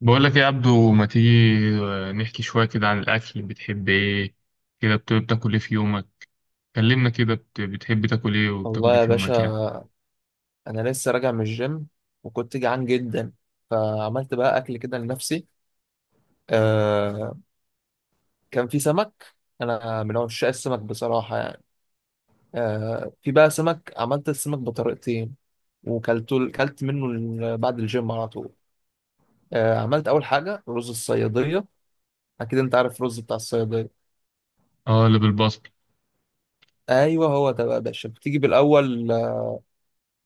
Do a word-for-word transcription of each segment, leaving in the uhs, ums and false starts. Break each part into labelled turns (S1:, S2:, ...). S1: بقول لك إيه يا عبدو؟ ما تيجي آه، نحكي شوية كده عن الأكل، بتحب إيه كده؟ بت- بتاكل إيه في يومك؟ كلمنا كده، بت- بتحب تاكل إيه وبتاكل
S2: والله
S1: إيه
S2: يا
S1: في
S2: باشا،
S1: يومك يعني؟
S2: انا لسه راجع من الجيم وكنت جعان جدا، فعملت بقى اكل كده لنفسي. آه، كان في سمك. انا من عشاق السمك بصراحه يعني. آه، في بقى سمك، عملت السمك بطريقتين وكلته، كلت منه ال- بعد الجيم على طول. آه، عملت اول حاجه رز الصياديه. اكيد انت عارف الرز بتاع الصياديه.
S1: آه، اللي بالبصل.
S2: ايوه، هو ده بقى يا باشا. بتيجي بالاول، آه،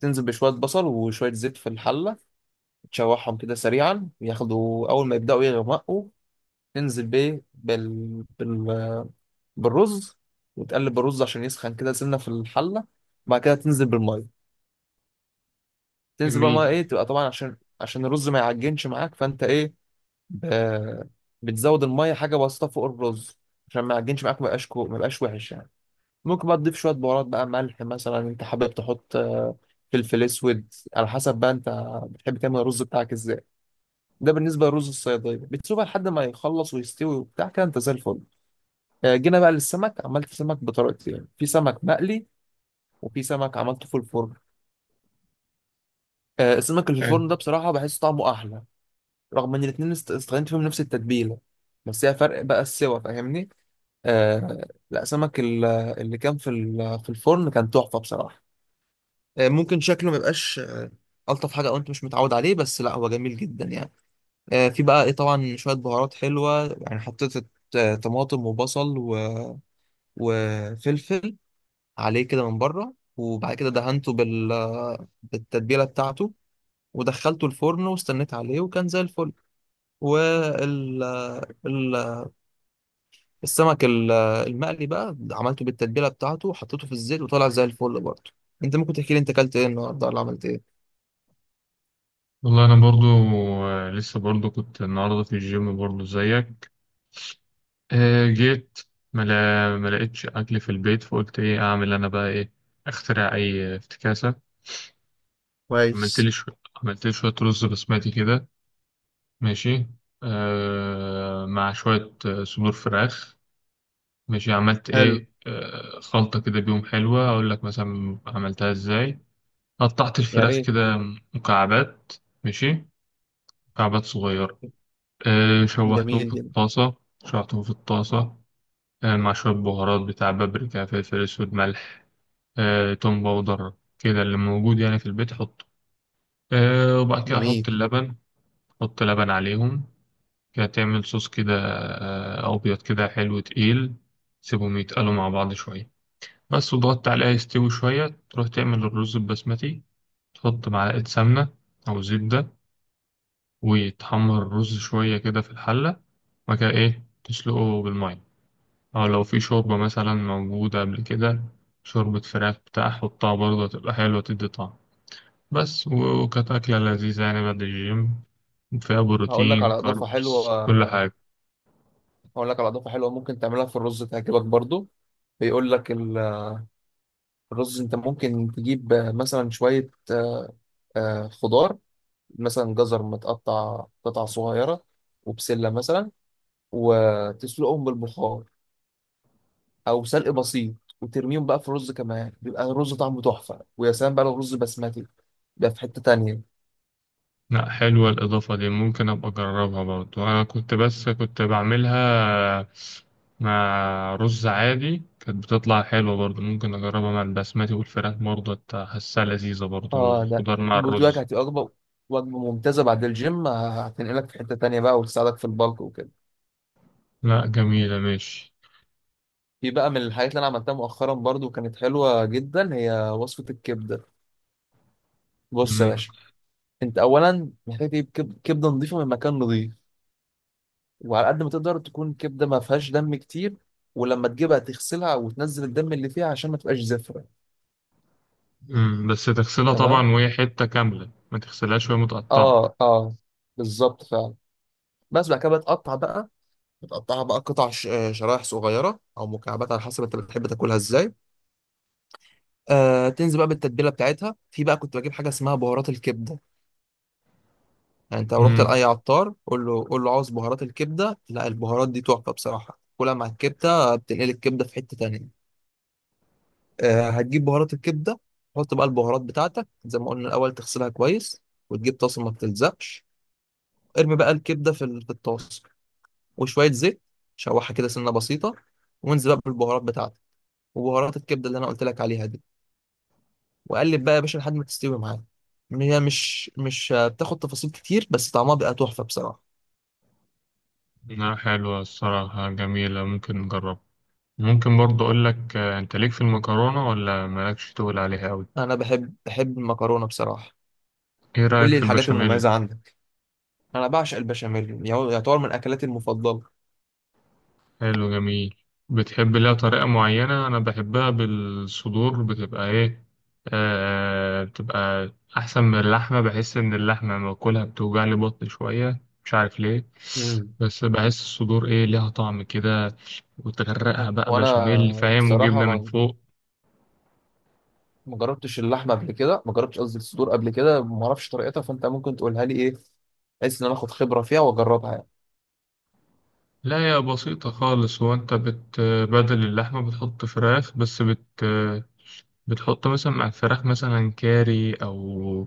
S2: تنزل بشويه بصل وشويه زيت في الحله، تشوحهم كده سريعا ياخدوا، اول ما يبداوا يغمقوا تنزل بيه بال... بال... بالرز، وتقلب الرز عشان يسخن كده سنة في الحلة. بعد كده تنزل بالمية. تنزل بقى المية
S1: جميل.
S2: ايه، تبقى طبعا عشان عشان الرز ما يعجنش معاك، فانت ايه، ب... بتزود المية حاجة بسيطة فوق الرز عشان ما يعجنش معاك، ما يبقاش كو... ما يبقاش وحش يعني. ممكن بقى تضيف شوية بهارات بقى، ملح مثلا انت حابب تحط، آه، فلفل اسود، على حسب بقى انت بتحب تعمل الرز بتاعك ازاي. ده بالنسبة للرز الصيادية، بتسيبها لحد ما يخلص ويستوي وبتاع كده انت زي الفل. آه، جينا بقى للسمك. عملت سمك بطريقتين يعني: في سمك مقلي وفي سمك عملته في الفرن. آه، السمك اللي في الفرن ده
S1: حلو.
S2: بصراحة بحس طعمه أحلى، رغم إن الاتنين است- استخدمت فيهم نفس التتبيلة، بس هي فرق بقى السوا، فاهمني. آه، لا، سمك ال- اللي كان في ال- في الفرن كان تحفة بصراحة. آه، ممكن شكله ما يبقاش آه، ألطف حاجة، أو أنت مش متعود عليه، بس لا، هو جميل جدا يعني. آه، في بقى إيه، طبعا شوية بهارات حلوة يعني حطيت، آه، طماطم وبصل و- وفلفل عليه كده من بره، وبعد كده دهنته بال بالتتبيله بتاعته، ودخلته الفرن واستنيت عليه وكان زي الفل. وال ال- السمك ال- المقلي بقى عملته بالتتبيله بتاعته وحطيته في الزيت وطلع زي الفل برضه. انت ممكن تحكي لي انت اكلت ايه النهارده ولا عملت ايه؟
S1: والله أنا برضو، آه، لسه برضو كنت النهاردة في الجيم برضو زيك. آه، جيت، ما لا- ما لقيتش أكل في البيت، فقلت إيه أعمل أنا بقى؟ إيه أخترع أي افتكاسة. عملت لي
S2: كويس.
S1: شوية عملت لي شوية رز بسمتي كده. ماشي. آه، مع شوية آه، صدور فراخ. ماشي، عملت
S2: حلو.
S1: ايه؟ آه، خلطة كده بيهم حلوة، اقول لك مثلا عملتها ازاي. قطعت
S2: يا
S1: الفراخ
S2: ريت.
S1: كده مكعبات. ماشي. مكعبات صغيرة. آه، شوحتهم
S2: جميل
S1: في
S2: جدا.
S1: الطاسة. شوحتهم في الطاسة آه، مع شوية بهارات بتاع بابريكا، فلفل اسود، ملح، آه، توم باودر، كده اللي موجود يعني في البيت حطه. آه، وبعد كده احط
S2: جميل.
S1: اللبن، احط لبن عليهم، كده تعمل صوص كده، آه، ابيض كده حلو تقيل. سيبهم يتقلوا مع بعض شوية بس، وضغطت عليها يستوي شوية، تروح تعمل الرز البسمتي. تحط معلقة سمنة أو زبدة، وتحمر الرز شوية كده في الحلة، وبعد كده إيه تسلقه بالمية، أو لو في شوربة مثلا موجودة قبل كده، شوربة فراخ بتاع حطها برضه تبقى حلوة تدي طعم. بس وكانت أكلة لذيذة يعني بعد الجيم، فيها
S2: هقول لك
S1: بروتين
S2: على اضافه
S1: كاربس كل
S2: حلوه،
S1: حاجة.
S2: هقول لك على اضافه حلوه ممكن تعملها في الرز تعجبك برضو. بيقول لك ال- الرز انت ممكن تجيب مثلا شويه، آه، خضار، مثلا جزر متقطع قطع صغيرة، وبسلة مثلا، وتسلقهم بالبخار أو سلق بسيط، وترميهم بقى في الرز. كمان بيبقى الرز طعمه تحفة، ويا سلام بقى لو رز بسمتي، ده في حتة تانية.
S1: لا حلوة الإضافة دي، ممكن أبقى أجربها برضو. أنا كنت، بس كنت بعملها مع رز عادي كانت بتطلع حلوة برضو، ممكن أجربها مع البسمتي والفراخ برضو، أت- حاسها لذيذة برضو
S2: اه ده
S1: الخضار مع
S2: بوجبك
S1: الرز.
S2: هتبقى وجبة، وجبة ممتازة بعد الجيم. ه- هتنقلك في حتة تانية بقى، وتساعدك في البلك وكده.
S1: لا جميلة. ماشي.
S2: في بقى من الحاجات اللي أنا عملتها مؤخرا برضو كانت حلوة جدا، هي وصفة الكبدة. بص يا
S1: مم.
S2: باشا، انت اولا محتاج تجيب كب- كبده نظيفه من مكان نظيف، وعلى قد ما تقدر تكون كبده ما فيهاش دم كتير. ولما تجيبها تغسلها وتنزل الدم اللي فيها عشان ما تبقاش زفره.
S1: مم. بس تغسلها طبعا
S2: تمام.
S1: وهي حتة كاملة، ما تغسلهاش وهي متقطعة.
S2: اه، اه، بالظبط فعلا. بس بعد كده بتقطع بقى، بتقطعها بقى قطع ش- آه، شرايح صغيره او مكعبات على حسب انت بتحب تاكلها ازاي. آه، تنزل بقى بالتتبيله بتاعتها. في بقى كنت بجيب حاجه اسمها بهارات الكبده. يعني انت لو رحت
S1: مم.
S2: لاي عطار قول له قول له عاوز بهارات الكبده. لا، البهارات دي تحفه بصراحه، كلها مع الكبده بتنقل الكبده في حته تانيه. آه، هتجيب بهارات الكبده، تحط بقى البهارات بتاعتك. زي ما قلنا الاول تغسلها كويس، وتجيب طاسه ما بتلزقش، ارمي بقى الكبده في ال- في الطاسه وشويه زيت، شوحها كده سنه بسيطه، وانزل بقى بالبهارات بتاعتك وبهارات الكبده اللي انا قلت لك عليها دي، وقلب بقى يا باشا لحد ما تستوي معاك. هي مش مش آه، بتاخد تفاصيل كتير، بس طعمها بيبقى تحفه بصراحه.
S1: لا حلوة الصراحة، جميلة، ممكن نجربها. ممكن برضو أقول لك، آه، أنت ليك في المكرونة ولا مالكش تقول عليها أوي؟
S2: انا بحب بحب المكرونه بصراحه.
S1: إيه
S2: قول
S1: رأيك
S2: لي
S1: في
S2: الحاجات
S1: البشاميل؟
S2: المميزه عندك. انا بعشق البشاميل، يعتبر من اكلاتي المفضله.
S1: حلو. جميل. بتحب لها طريقة معينة؟ أنا بحبها بالصدور، بتبقى إيه، آه بتبقى أحسن من اللحمة، بحس إن اللحمة لما باكلها بتوجع لي بطني شوية، مش عارف ليه.
S2: امم
S1: بس بحس الصدور إيه ليها طعم كده، وتغرقها بقى
S2: وانا
S1: بشاميل فاهم، وجبنة من
S2: بصراحه
S1: فوق.
S2: ما جربتش اللحمه قبل كده، ما جربتش قصدي الصدور قبل كده، ما اعرفش طريقتها، فانت ممكن تقولها لي ايه، بحيث ان انا اخد خبره فيها واجربها يعني.
S1: لا يا بسيطة خالص، هو انت بت بدل اللحمة بتحط فراخ، بس بت بتحط مثلا مع الفراخ مثلا كاري، أو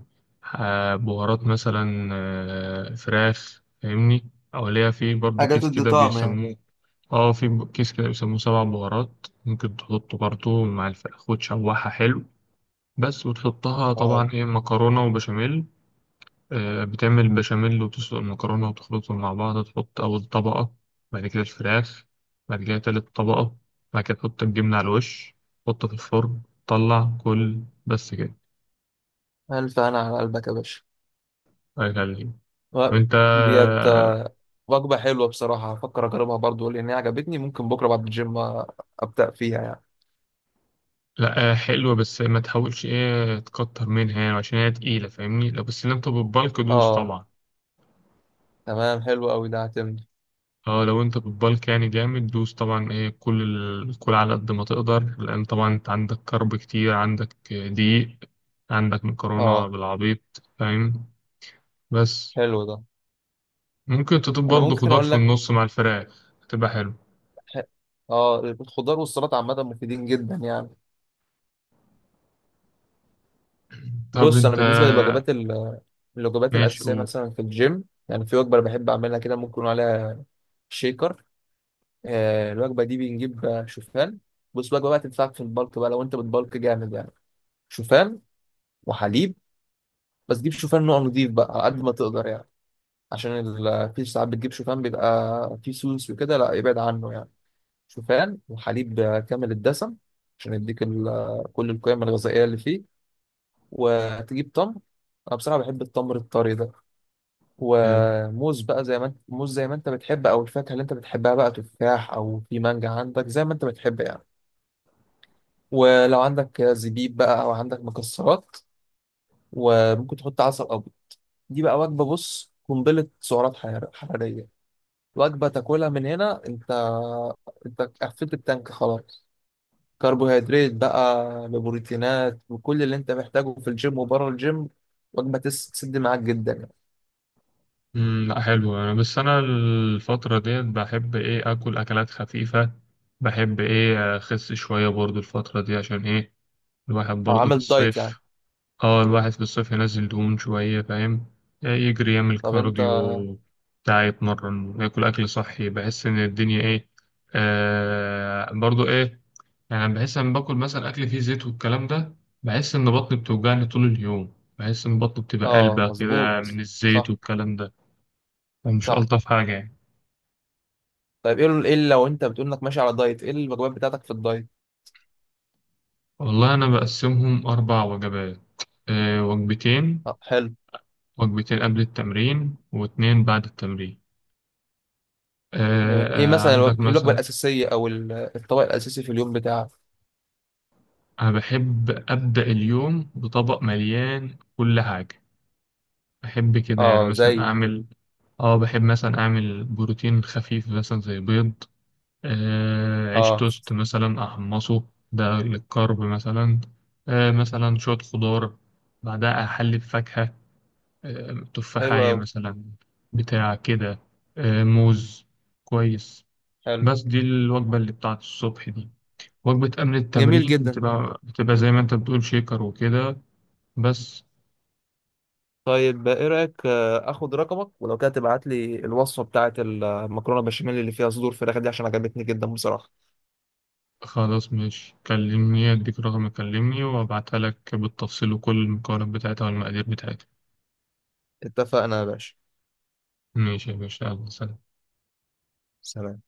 S1: آه، بهارات مثلا آه، فراخ فاهمني، أو ليها في برضو
S2: حاجة
S1: كيس
S2: تدي
S1: كده
S2: طعم يعني.
S1: بيسموه. اه في ب- كيس كده بيسموه سبع بهارات، ممكن تحطه برضو مع الفراخ وتشوحها حلو. بس وتحطها
S2: اه.
S1: طبعا ايه مكرونة وبشاميل، آه، بتعمل البشاميل وتسلق المكرونة وتخلطهم مع بعض، تحط أول طبقة، بعد كده الفراخ، بعد كده تالت طبقة، بعد كده تحط الجبنة على الوش، تحطه في الفرن، طلع كل بس كده
S2: الف انا على قلبك يا باشا.
S1: أكل ليه.
S2: و-
S1: وأنت؟
S2: ديت، آه، وجبه حلوه بصراحه، هفكر اجربها برضو لان هي عجبتني. ممكن بكره بعد الجيم آه، ابدا فيها يعني.
S1: لأ، آه، حلوة بس ما تحاولش إيه تكتر منها يعني عشان هي تقيلة فاهمني، لو بس لم بالك دوس
S2: اه،
S1: طبعا.
S2: تمام. حلو قوي ده، هتمني.
S1: اه لو انت بتبالك يعني جامد دوس طبعا ايه كل ال- كل على قد ما تقدر، لان طبعا انت عندك كرب كتير، عندك دقيق، عندك مكرونة
S2: اه،
S1: بالعبيط فاهم. بس
S2: حلو ده.
S1: ممكن تضيف
S2: انا
S1: برضه
S2: ممكن
S1: خضار
S2: اقول
S1: في
S2: لك،
S1: النص مع الفراخ هتبقى حلو.
S2: ح- اه، الخضار والسلطه عامه مفيدين جدا يعني.
S1: طب
S2: بص، انا
S1: انت،
S2: بالنسبه للوجبات ال- الوجبات
S1: ماشي،
S2: الاساسيه
S1: او
S2: مثلا في الجيم، يعني في وجبه أنا بحب اعملها كده ممكن يكون عليها شيكر. آه، الوجبه دي بنجيب، آه، شوفان. بص، وجبه بقى تنفعك في البلك بقى لو انت بتبلك جامد يعني: شوفان وحليب. بس جيب شوفان نوع نضيف بقى على قد ما تقدر يعني، عشان ال- في ساعات بتجيب شوفان بيبقى فيه سوس وكده، لا ابعد عنه يعني. شوفان وحليب، آه، كامل الدسم، عشان يديك ال- كل القيم الغذائيه اللي فيه. وتجيب تمر، انا بصراحه بحب التمر الطري ده،
S1: حلو.
S2: وموز بقى زي ما انت، موز زي ما انت بتحب، او الفاكهه اللي انت بتحبها بقى، تفاح، او في مانجا عندك زي ما انت بتحب يعني. ولو عندك زبيب بقى او عندك مكسرات، وممكن تحط عسل ابيض. دي بقى وجبه، بص، قنبله سعرات حرار- حراريه. وجبه تاكلها من هنا، انت انت قفلت التانك خلاص. كربوهيدرات بقى ببروتينات وكل اللي انت محتاجه في الجيم وبره الجيم. وجبه تس- تسد معاك جدا يعني.
S1: مم، لا حلو. انا بس انا الفترة ديت بحب ايه اكل اكلات خفيفة، بحب ايه اخس شوية برضه الفترة دي، عشان ايه الواحد
S2: أو
S1: برضه في
S2: عامل دايت يعني.
S1: الصيف. اه الواحد في الصيف ينزل دهون شوية فاهم، آه، يجري يعمل
S2: طب انت،
S1: كارديو بتاع يتمرن، ياكل أكل صحي، بحس إن الدنيا إيه، آه برضو إيه يعني، بحس إن باكل مثلا أكل فيه زيت والكلام ده، بحس إن بطني بتوجعني طول اليوم، بحس إن بطني بتبقى
S2: اه،
S1: قلبة كده
S2: مظبوط.
S1: من الزيت
S2: صح.
S1: والكلام ده. فمش
S2: صح.
S1: ألطف حاجة يعني.
S2: طيب، ايه ال- إيه اللي، لو انت بتقول انك ماشي على دايت، ايه الوجبات بتاعتك في الدايت؟
S1: والله أنا بقسمهم أربع وجبات، آه وجبتين.
S2: اه حلو.
S1: وجبتين قبل التمرين واتنين بعد التمرين. آه،
S2: جميل. ايه
S1: آه،
S2: مثلا الوج-
S1: عندك
S2: إيه الوجبه
S1: مثلا.
S2: الاساسيه او ال- الطبق الاساسي في اليوم بتاعك؟
S1: أنا بحب أبدأ اليوم بطبق مليان كل حاجة، بحب كده يعني
S2: اه
S1: مثلا
S2: زي.
S1: أعمل، آه بحب مثلا أعمل بروتين خفيف مثلا زي بيض، آه عيش
S2: اه
S1: توست مثلا أحمصه، ده للكارب مثلا، آه مثلا شوية خضار، بعدها أحلي بفاكهة، آه
S2: حلو
S1: تفاحية
S2: قوي.
S1: مثلا، بتاع كده، آه موز. كويس.
S2: حلو.
S1: بس دي الوجبة اللي بتاعت الصبح دي. وجبة قبل
S2: جميل
S1: التمرين
S2: جدا.
S1: بتبقى، بتبقى زي ما أنت بتقول شيكر وكده بس.
S2: طيب، ايه رايك آه، اخد رقمك، ولو كده تبعت لي الوصفه بتاعه المكرونه بشاميل اللي فيها صدور فراخ دي، عشان عجبتني جدا بصراحه.
S1: خلاص ماشي، كلمني اديك رقم، كلمني وابعتها لك بالتفصيل وكل المقارنات بتاعتها والمقادير بتاعتها.
S2: اتفقنا يا باشا.
S1: ماشي يا باشا، يلا سلام.
S2: سلام.